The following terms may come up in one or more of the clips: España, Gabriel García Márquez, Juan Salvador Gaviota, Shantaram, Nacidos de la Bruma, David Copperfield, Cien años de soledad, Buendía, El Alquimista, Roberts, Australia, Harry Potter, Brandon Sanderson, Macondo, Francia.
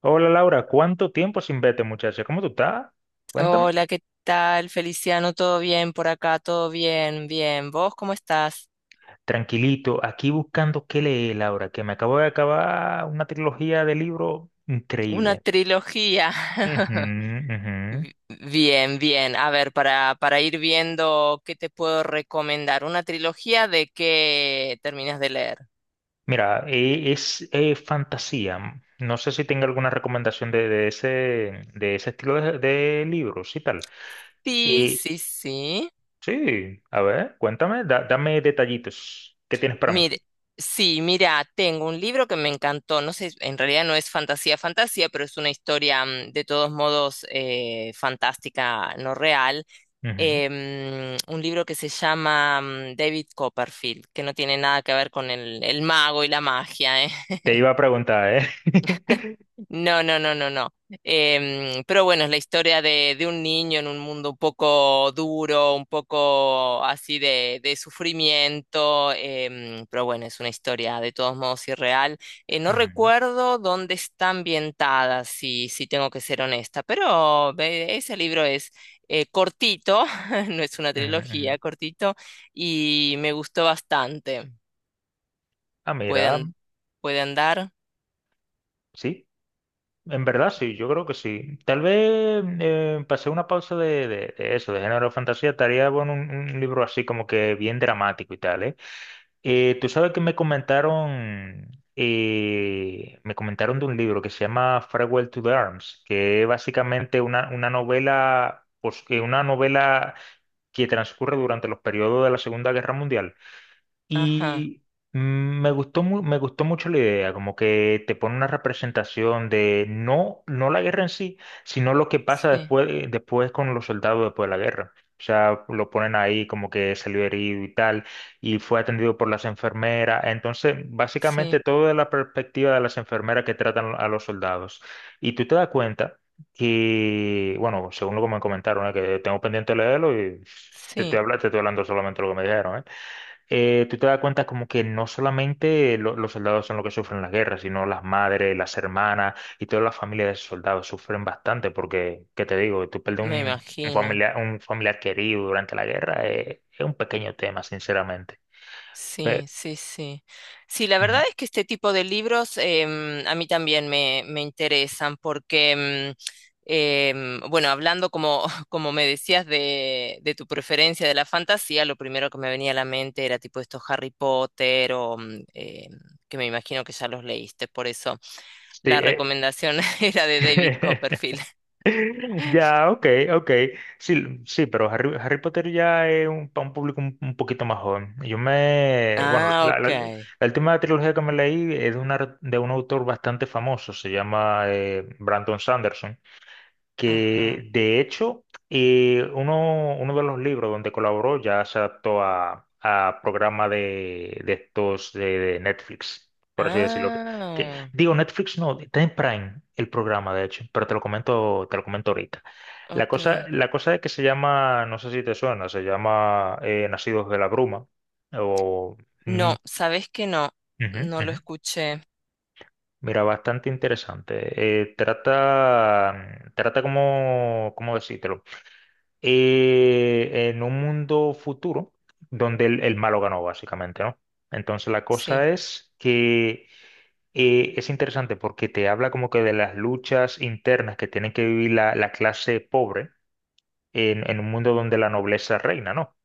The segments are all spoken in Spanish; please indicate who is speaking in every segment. Speaker 1: Hola Laura, ¿cuánto tiempo sin verte, muchacha? ¿Cómo tú estás? Cuéntame.
Speaker 2: Hola, ¿qué tal, Feliciano? ¿Todo bien por acá? ¿Todo bien? Bien. ¿Vos cómo estás?
Speaker 1: Tranquilito, aquí buscando qué leer, Laura, que me acabo de acabar una trilogía de libros
Speaker 2: Una
Speaker 1: increíble.
Speaker 2: trilogía.
Speaker 1: Ujú, ujú.
Speaker 2: Bien, bien. A ver, para ir viendo qué te puedo recomendar. ¿Una trilogía de qué terminas de leer?
Speaker 1: Mira, es fantasía. No sé si tenga alguna recomendación de ese, de ese estilo de libros y tal.
Speaker 2: Sí,
Speaker 1: Y
Speaker 2: sí, sí.
Speaker 1: sí, a ver, cuéntame, dame detallitos. ¿Qué tienes para mí?
Speaker 2: Mire, sí, mira, tengo un libro que me encantó. No sé, en realidad no es fantasía, fantasía, pero es una historia de todos modos fantástica, no real
Speaker 1: Ujú.
Speaker 2: un libro que se llama David Copperfield, que no tiene nada que ver con el mago y la magia, ¿eh?
Speaker 1: Te iba a preguntar, ¿eh?
Speaker 2: No, no, no, no, no. Pero bueno, es la historia de un niño en un mundo un poco duro, un poco así de sufrimiento, pero bueno, es una historia de todos modos irreal. No
Speaker 1: Ujú,
Speaker 2: recuerdo dónde está ambientada, si tengo que ser honesta, pero ese libro es cortito, no es una
Speaker 1: ujú,
Speaker 2: trilogía,
Speaker 1: ujú.
Speaker 2: cortito, y me gustó bastante.
Speaker 1: Ah,
Speaker 2: Puede,
Speaker 1: mira.
Speaker 2: an- puede andar.
Speaker 1: Sí, en verdad sí, yo creo que sí. Tal vez pasé una pausa de eso, de género de fantasía, estaría bueno un libro así como que bien dramático y tal, ¿eh? Tú sabes que me comentaron, me comentaron de un libro que se llama Farewell to the Arms, que es básicamente una novela, pues, una novela que transcurre durante los periodos de la Segunda Guerra Mundial.
Speaker 2: Ajá,
Speaker 1: Y mm, me gustó mucho la idea, como que te pone una representación de no la guerra en sí, sino lo que pasa
Speaker 2: sí,
Speaker 1: después, después con los soldados después de la guerra. O sea, lo ponen ahí como que salió herido y tal, y fue atendido por las enfermeras. Entonces, básicamente
Speaker 2: sí,
Speaker 1: todo de la perspectiva de las enfermeras que tratan a los soldados. Y tú te das cuenta que, bueno, según lo que me comentaron, ¿eh? Que tengo pendiente de leerlo y
Speaker 2: sí.
Speaker 1: te estoy hablando solamente de lo que me dijeron, ¿eh? Tú te das cuenta como que no solamente los soldados son los que sufren las guerras, sino las madres, las hermanas y toda la familia de esos soldados sufren bastante porque, ¿qué te digo? Tú perder
Speaker 2: Me
Speaker 1: un, un
Speaker 2: imagino.
Speaker 1: familiar, un familiar querido durante la guerra, es un pequeño tema, sinceramente. Pero,
Speaker 2: Sí, sí, sí. Sí, la
Speaker 1: ujú.
Speaker 2: verdad es que este tipo de libros a mí también me interesan porque, bueno, hablando como, como me decías de tu preferencia de la fantasía, lo primero que me venía a la mente era tipo estos Harry Potter o que me imagino que ya los leíste, por eso
Speaker 1: Sí,
Speaker 2: la recomendación era de David Copperfield.
Speaker 1: Ya, ok, ok. Sí, sí, pero Harry Potter ya es para un público un poquito más joven. Bueno,
Speaker 2: Ah,
Speaker 1: la,
Speaker 2: ok.
Speaker 1: la- la última trilogía que me leí es de un autor bastante famoso, se llama Brandon Sanderson,
Speaker 2: Ajá.
Speaker 1: que de hecho uno de los libros donde colaboró ya se adaptó a programa de estos de Netflix, por así decirlo. Que,
Speaker 2: Ah,
Speaker 1: digo, Netflix no, está en Prime el programa, de hecho, pero te lo comento ahorita. La
Speaker 2: ok.
Speaker 1: cosa, la cosa es que se llama, no sé si te suena, se llama Nacidos de la Bruma. O, Mm,
Speaker 2: No, sabes que no,
Speaker 1: ujú,
Speaker 2: no lo
Speaker 1: ujú.
Speaker 2: escuché.
Speaker 1: Mira, bastante interesante. Trata como, ¿cómo decírtelo? En un mundo futuro donde el malo ganó, básicamente, ¿no? Entonces la
Speaker 2: Sí.
Speaker 1: cosa es que es interesante porque te habla como que de las luchas internas que tienen que vivir la clase pobre en un mundo donde la nobleza reina, ¿no?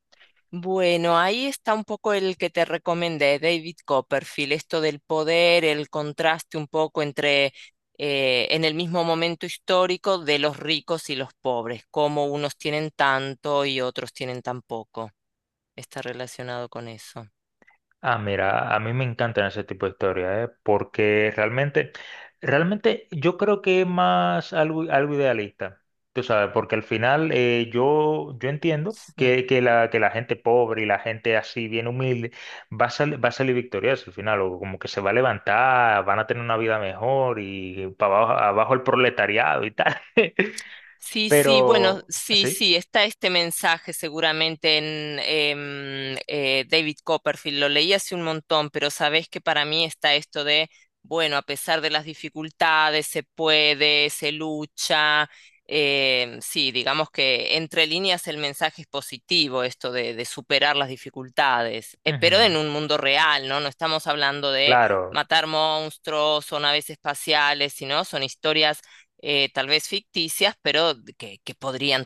Speaker 2: Bueno, ahí está un poco el que te recomendé, David Copperfield, esto del poder, el contraste un poco entre en el mismo momento histórico de los ricos y los pobres, cómo unos tienen tanto y otros tienen tan poco. Está relacionado con eso.
Speaker 1: Ah, mira, a mí me encantan ese tipo de historias, ¿eh? Porque realmente, realmente yo creo que es más algo idealista, tú sabes, porque al final yo entiendo
Speaker 2: Sí.
Speaker 1: que la gente pobre y la gente así bien humilde va a salir victoriosa al final, o como que se va a levantar, van a tener una vida mejor y para abajo, abajo el proletariado y tal,
Speaker 2: Sí, sí, bueno,
Speaker 1: pero, ¿ah,
Speaker 2: sí,
Speaker 1: ¿sí?
Speaker 2: sí, está este mensaje seguramente en David Copperfield, lo leí hace un montón, pero sabés que para mí está esto de, bueno, a pesar de las dificultades, se puede, se lucha, sí, digamos que entre líneas el mensaje es positivo, esto de superar las dificultades, pero
Speaker 1: Ujú,
Speaker 2: en un mundo real, ¿no? No estamos hablando de
Speaker 1: claro,
Speaker 2: matar monstruos o naves espaciales, sino son historias tal vez ficticias, pero que podrían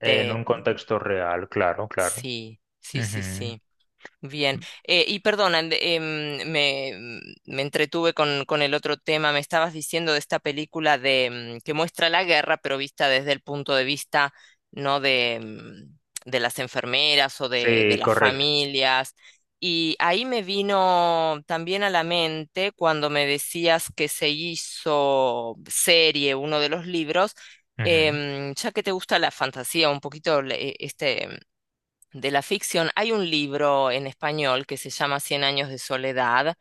Speaker 1: en un contexto real, claro, claro.
Speaker 2: Sí, sí, sí,
Speaker 1: Ujú.
Speaker 2: sí. Bien. Y perdona, me entretuve con el otro tema. Me estabas diciendo de esta película de que muestra la guerra, pero vista desde el punto de vista, no de, de las enfermeras o de
Speaker 1: Sí,
Speaker 2: las
Speaker 1: correcto.
Speaker 2: familias. Y ahí me vino también a la mente cuando me decías que se hizo serie uno de los libros.
Speaker 1: Ujú.
Speaker 2: Ya que te gusta la fantasía, un poquito de la ficción, hay un libro en español que se llama Cien años de soledad,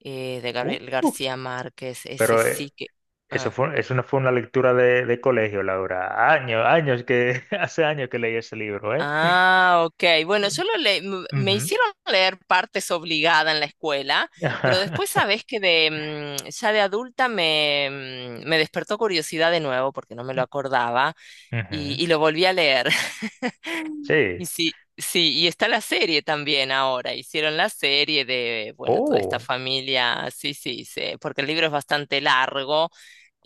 Speaker 2: de Gabriel
Speaker 1: Uh,
Speaker 2: García Márquez. Ese
Speaker 1: pero
Speaker 2: sí que... ah.
Speaker 1: eso no fue una lectura de colegio, Laura. Años, años que, hace años que leí ese libro, ¿eh?
Speaker 2: Ah, ok. Bueno, yo lo le m- me
Speaker 1: Ujú.
Speaker 2: hicieron leer partes obligada en la escuela, pero después sabes que de ya de adulta me despertó curiosidad de nuevo porque no me lo acordaba
Speaker 1: Ujú.
Speaker 2: y lo volví a leer. Y
Speaker 1: Sí.
Speaker 2: sí, sí, y está la serie también ahora. Hicieron la serie de, bueno, toda esta
Speaker 1: Oh.
Speaker 2: familia, sí, sí, sí, porque el libro es bastante largo.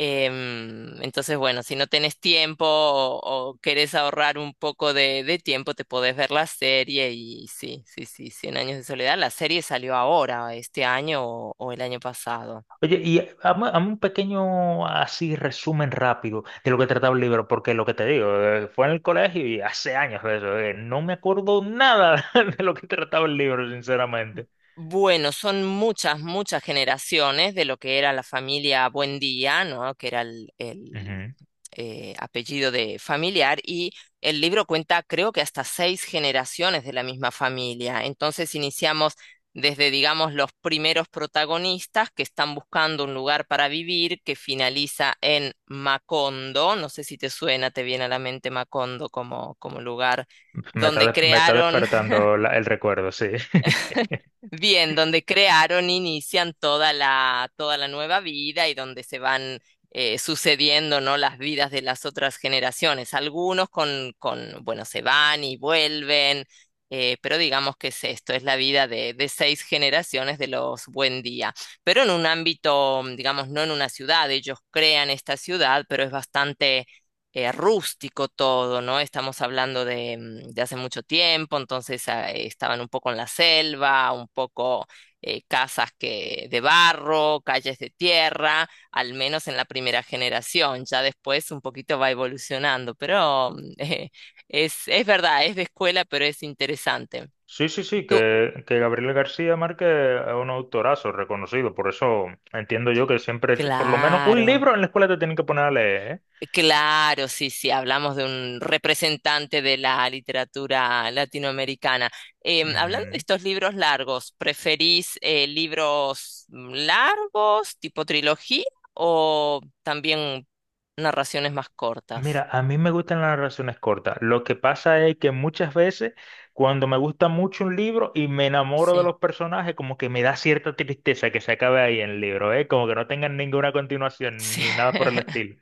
Speaker 2: Entonces, bueno, si no tenés tiempo o querés ahorrar un poco de tiempo, te podés ver la serie y sí, sí, sí, Cien años de soledad. La serie salió ahora, este año o el año pasado.
Speaker 1: Oye, y hazme un pequeño así resumen rápido de lo que trataba el libro, porque lo que te digo, fue en el colegio y hace años de eso, no me acuerdo nada de lo que trataba el libro, sinceramente.
Speaker 2: Bueno, son muchas, muchas generaciones de lo que era la familia Buendía, ¿no? Que era el,
Speaker 1: Ujú.
Speaker 2: apellido de familiar, y el libro cuenta, creo que hasta seis generaciones de la misma familia. Entonces iniciamos desde, digamos, los primeros protagonistas que están buscando un lugar para vivir, que finaliza en Macondo. No sé si te suena, te viene a la mente Macondo como, como lugar
Speaker 1: Me está,
Speaker 2: donde
Speaker 1: des- me está
Speaker 2: crearon.
Speaker 1: despertando el recuerdo, sí.
Speaker 2: Bien, donde crearon, inician toda la nueva vida y donde se van sucediendo, ¿no? Las vidas de las otras generaciones. Algunos con, bueno, se van y vuelven, pero digamos que es esto, es la vida de seis generaciones de los Buen Día. Pero en un ámbito, digamos, no en una ciudad, ellos crean esta ciudad, pero es bastante rústico todo, ¿no? Estamos hablando de, de hace mucho tiempo, entonces estaban un poco en la selva, un poco casas que, de barro, calles de tierra, al menos en la primera generación, ya después un poquito va evolucionando, pero es verdad, es de escuela, pero es interesante.
Speaker 1: Sí, sí, sí,
Speaker 2: Tú,
Speaker 1: que Gabriel García Márquez es un autorazo reconocido, por eso entiendo yo que siempre, por lo menos un
Speaker 2: claro.
Speaker 1: libro en la escuela te tienen que poner a leer,
Speaker 2: Claro, sí, sí, hablamos de un representante de la literatura latinoamericana. Hablando de
Speaker 1: ¿eh?
Speaker 2: estos libros largos, ¿preferís libros largos, tipo trilogía, o también narraciones más cortas?
Speaker 1: Mira, a mí me gustan las relaciones cortas. Lo que pasa es que muchas veces cuando me gusta mucho un libro y me enamoro de
Speaker 2: Sí,
Speaker 1: los personajes, como que me da cierta tristeza que se acabe ahí el libro, ¿eh? Como que no tengan ninguna continuación
Speaker 2: sí.
Speaker 1: ni nada por el estilo.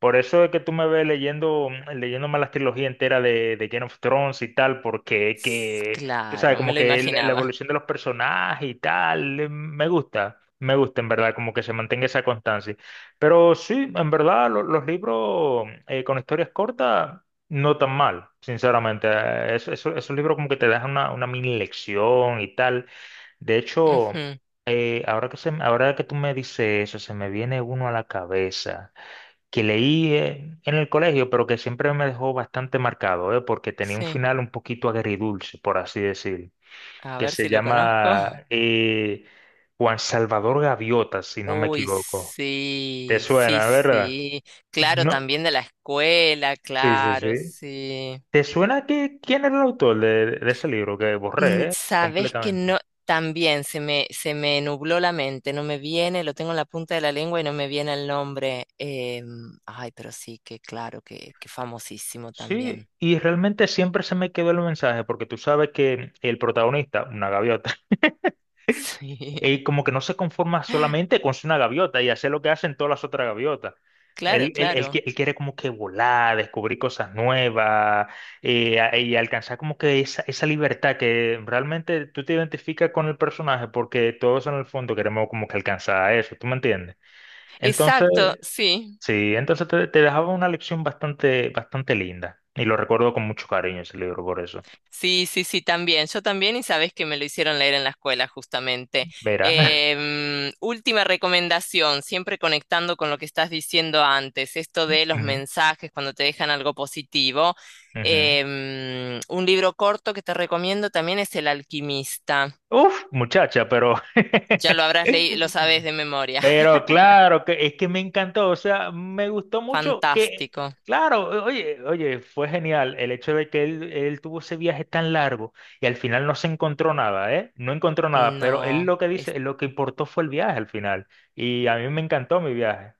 Speaker 1: Por eso es que tú me ves leyendo, leyéndome las trilogías enteras de Game of Thrones y tal, porque tú sabes,
Speaker 2: Claro, me
Speaker 1: como
Speaker 2: lo
Speaker 1: que la
Speaker 2: imaginaba.
Speaker 1: evolución de los personajes y tal, me gusta en verdad, como que se mantenga esa constancia. Pero sí, en verdad, los libros con historias cortas no tan mal, sinceramente. Esos libros como que te dejan una mini lección y tal. De hecho,
Speaker 2: Ujú,
Speaker 1: ahora que se, ahora que tú me dices eso, se me viene uno a la cabeza que leí en el colegio, pero que siempre me dejó bastante marcado, porque tenía un
Speaker 2: sí,
Speaker 1: final un poquito agridulce, por así decir,
Speaker 2: a
Speaker 1: que
Speaker 2: ver
Speaker 1: se
Speaker 2: si lo conozco.
Speaker 1: llama Juan Salvador Gaviota, si no me
Speaker 2: Uy,
Speaker 1: equivoco. ¿Te
Speaker 2: sí, sí,
Speaker 1: suena, verdad?
Speaker 2: sí. Claro,
Speaker 1: No,
Speaker 2: también de la escuela,
Speaker 1: sí, sí,
Speaker 2: claro,
Speaker 1: sí.
Speaker 2: sí.
Speaker 1: ¿Te suena que quién era el autor de ese libro que
Speaker 2: Mm,
Speaker 1: borré, eh?
Speaker 2: sabes que
Speaker 1: Completamente.
Speaker 2: no, también se se me nubló la mente, no me viene, lo tengo en la punta de la lengua y no me viene el nombre. Ay, pero sí, que claro, que famosísimo
Speaker 1: Sí,
Speaker 2: también.
Speaker 1: y realmente siempre se me quedó el mensaje, porque tú sabes que el protagonista, una gaviota,
Speaker 2: Sí,
Speaker 1: él como que no se conforma solamente con ser una gaviota y hacer lo que hacen todas las otras gaviotas.
Speaker 2: claro,
Speaker 1: Él, él- él
Speaker 2: claro.
Speaker 1: qui- él quiere como que volar, descubrir cosas nuevas y alcanzar como que esa libertad que realmente tú te identificas con el personaje porque todos en el fondo queremos como que alcanzar eso, ¿tú me entiendes? Entonces,
Speaker 2: Exacto, sí.
Speaker 1: sí, entonces te dejaba una lección bastante, bastante linda. Y lo recuerdo con mucho cariño ese libro por eso.
Speaker 2: Sí, sí, sí, también. Yo también, y sabes que me lo hicieron leer en la escuela, justamente.
Speaker 1: Verá.
Speaker 2: Última recomendación, siempre conectando con lo que estás diciendo antes, esto de los
Speaker 1: Ujú,
Speaker 2: mensajes cuando te dejan algo positivo.
Speaker 1: ujú.
Speaker 2: Un libro corto que te recomiendo también es El Alquimista.
Speaker 1: Uf, muchacha, pero
Speaker 2: Ya lo habrás leído, lo sabes de memoria.
Speaker 1: Pero claro, que es que me encantó, o sea, me gustó mucho que,
Speaker 2: Fantástico.
Speaker 1: claro, oye, oye, fue genial el hecho de que él tuvo ese viaje tan largo y al final no se encontró nada, ¿eh? No encontró nada, pero él
Speaker 2: No,
Speaker 1: lo que
Speaker 2: es
Speaker 1: dice, lo que importó fue el viaje al final y a mí me encantó mi viaje.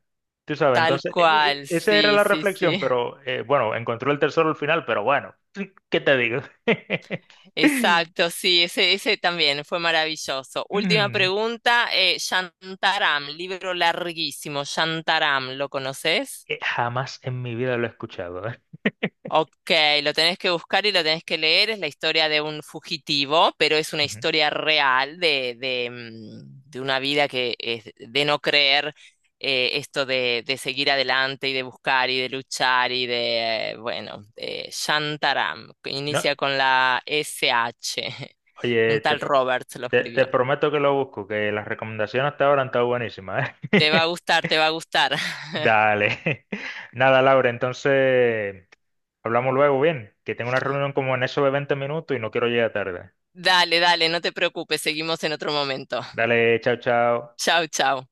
Speaker 1: Tú sabes,
Speaker 2: tal
Speaker 1: entonces,
Speaker 2: cual.
Speaker 1: esa era
Speaker 2: Sí,
Speaker 1: la
Speaker 2: sí,
Speaker 1: reflexión,
Speaker 2: sí.
Speaker 1: pero bueno, encontró el tesoro al final, pero bueno, ¿qué te digo?
Speaker 2: Exacto, sí, ese también fue maravilloso. Última
Speaker 1: Mm,
Speaker 2: pregunta, Shantaram, libro larguísimo, Shantaram, ¿lo conoces?
Speaker 1: Jamás en mi vida lo he escuchado, ¿eh?
Speaker 2: Ok, lo tenés que buscar y lo tenés que leer. Es la historia de un fugitivo, pero es una
Speaker 1: Ujú.
Speaker 2: historia real de una vida que es de no creer esto de seguir adelante y de buscar y de luchar y de, bueno, de Shantaram, que
Speaker 1: No.
Speaker 2: inicia con la SH.
Speaker 1: Oye,
Speaker 2: Un
Speaker 1: te,
Speaker 2: tal
Speaker 1: pr-
Speaker 2: Roberts lo
Speaker 1: te, te
Speaker 2: escribió.
Speaker 1: prometo que lo busco, que las recomendaciones hasta ahora han estado buenísimas,
Speaker 2: Te va
Speaker 1: ¿eh?
Speaker 2: a gustar, te va a gustar.
Speaker 1: Dale. Nada, Laura, entonces hablamos luego, bien, que tengo una reunión como en eso de 20 minutos y no quiero llegar tarde.
Speaker 2: Dale, dale, no te preocupes, seguimos en otro momento.
Speaker 1: Dale, chao, chao.
Speaker 2: Chau, chau.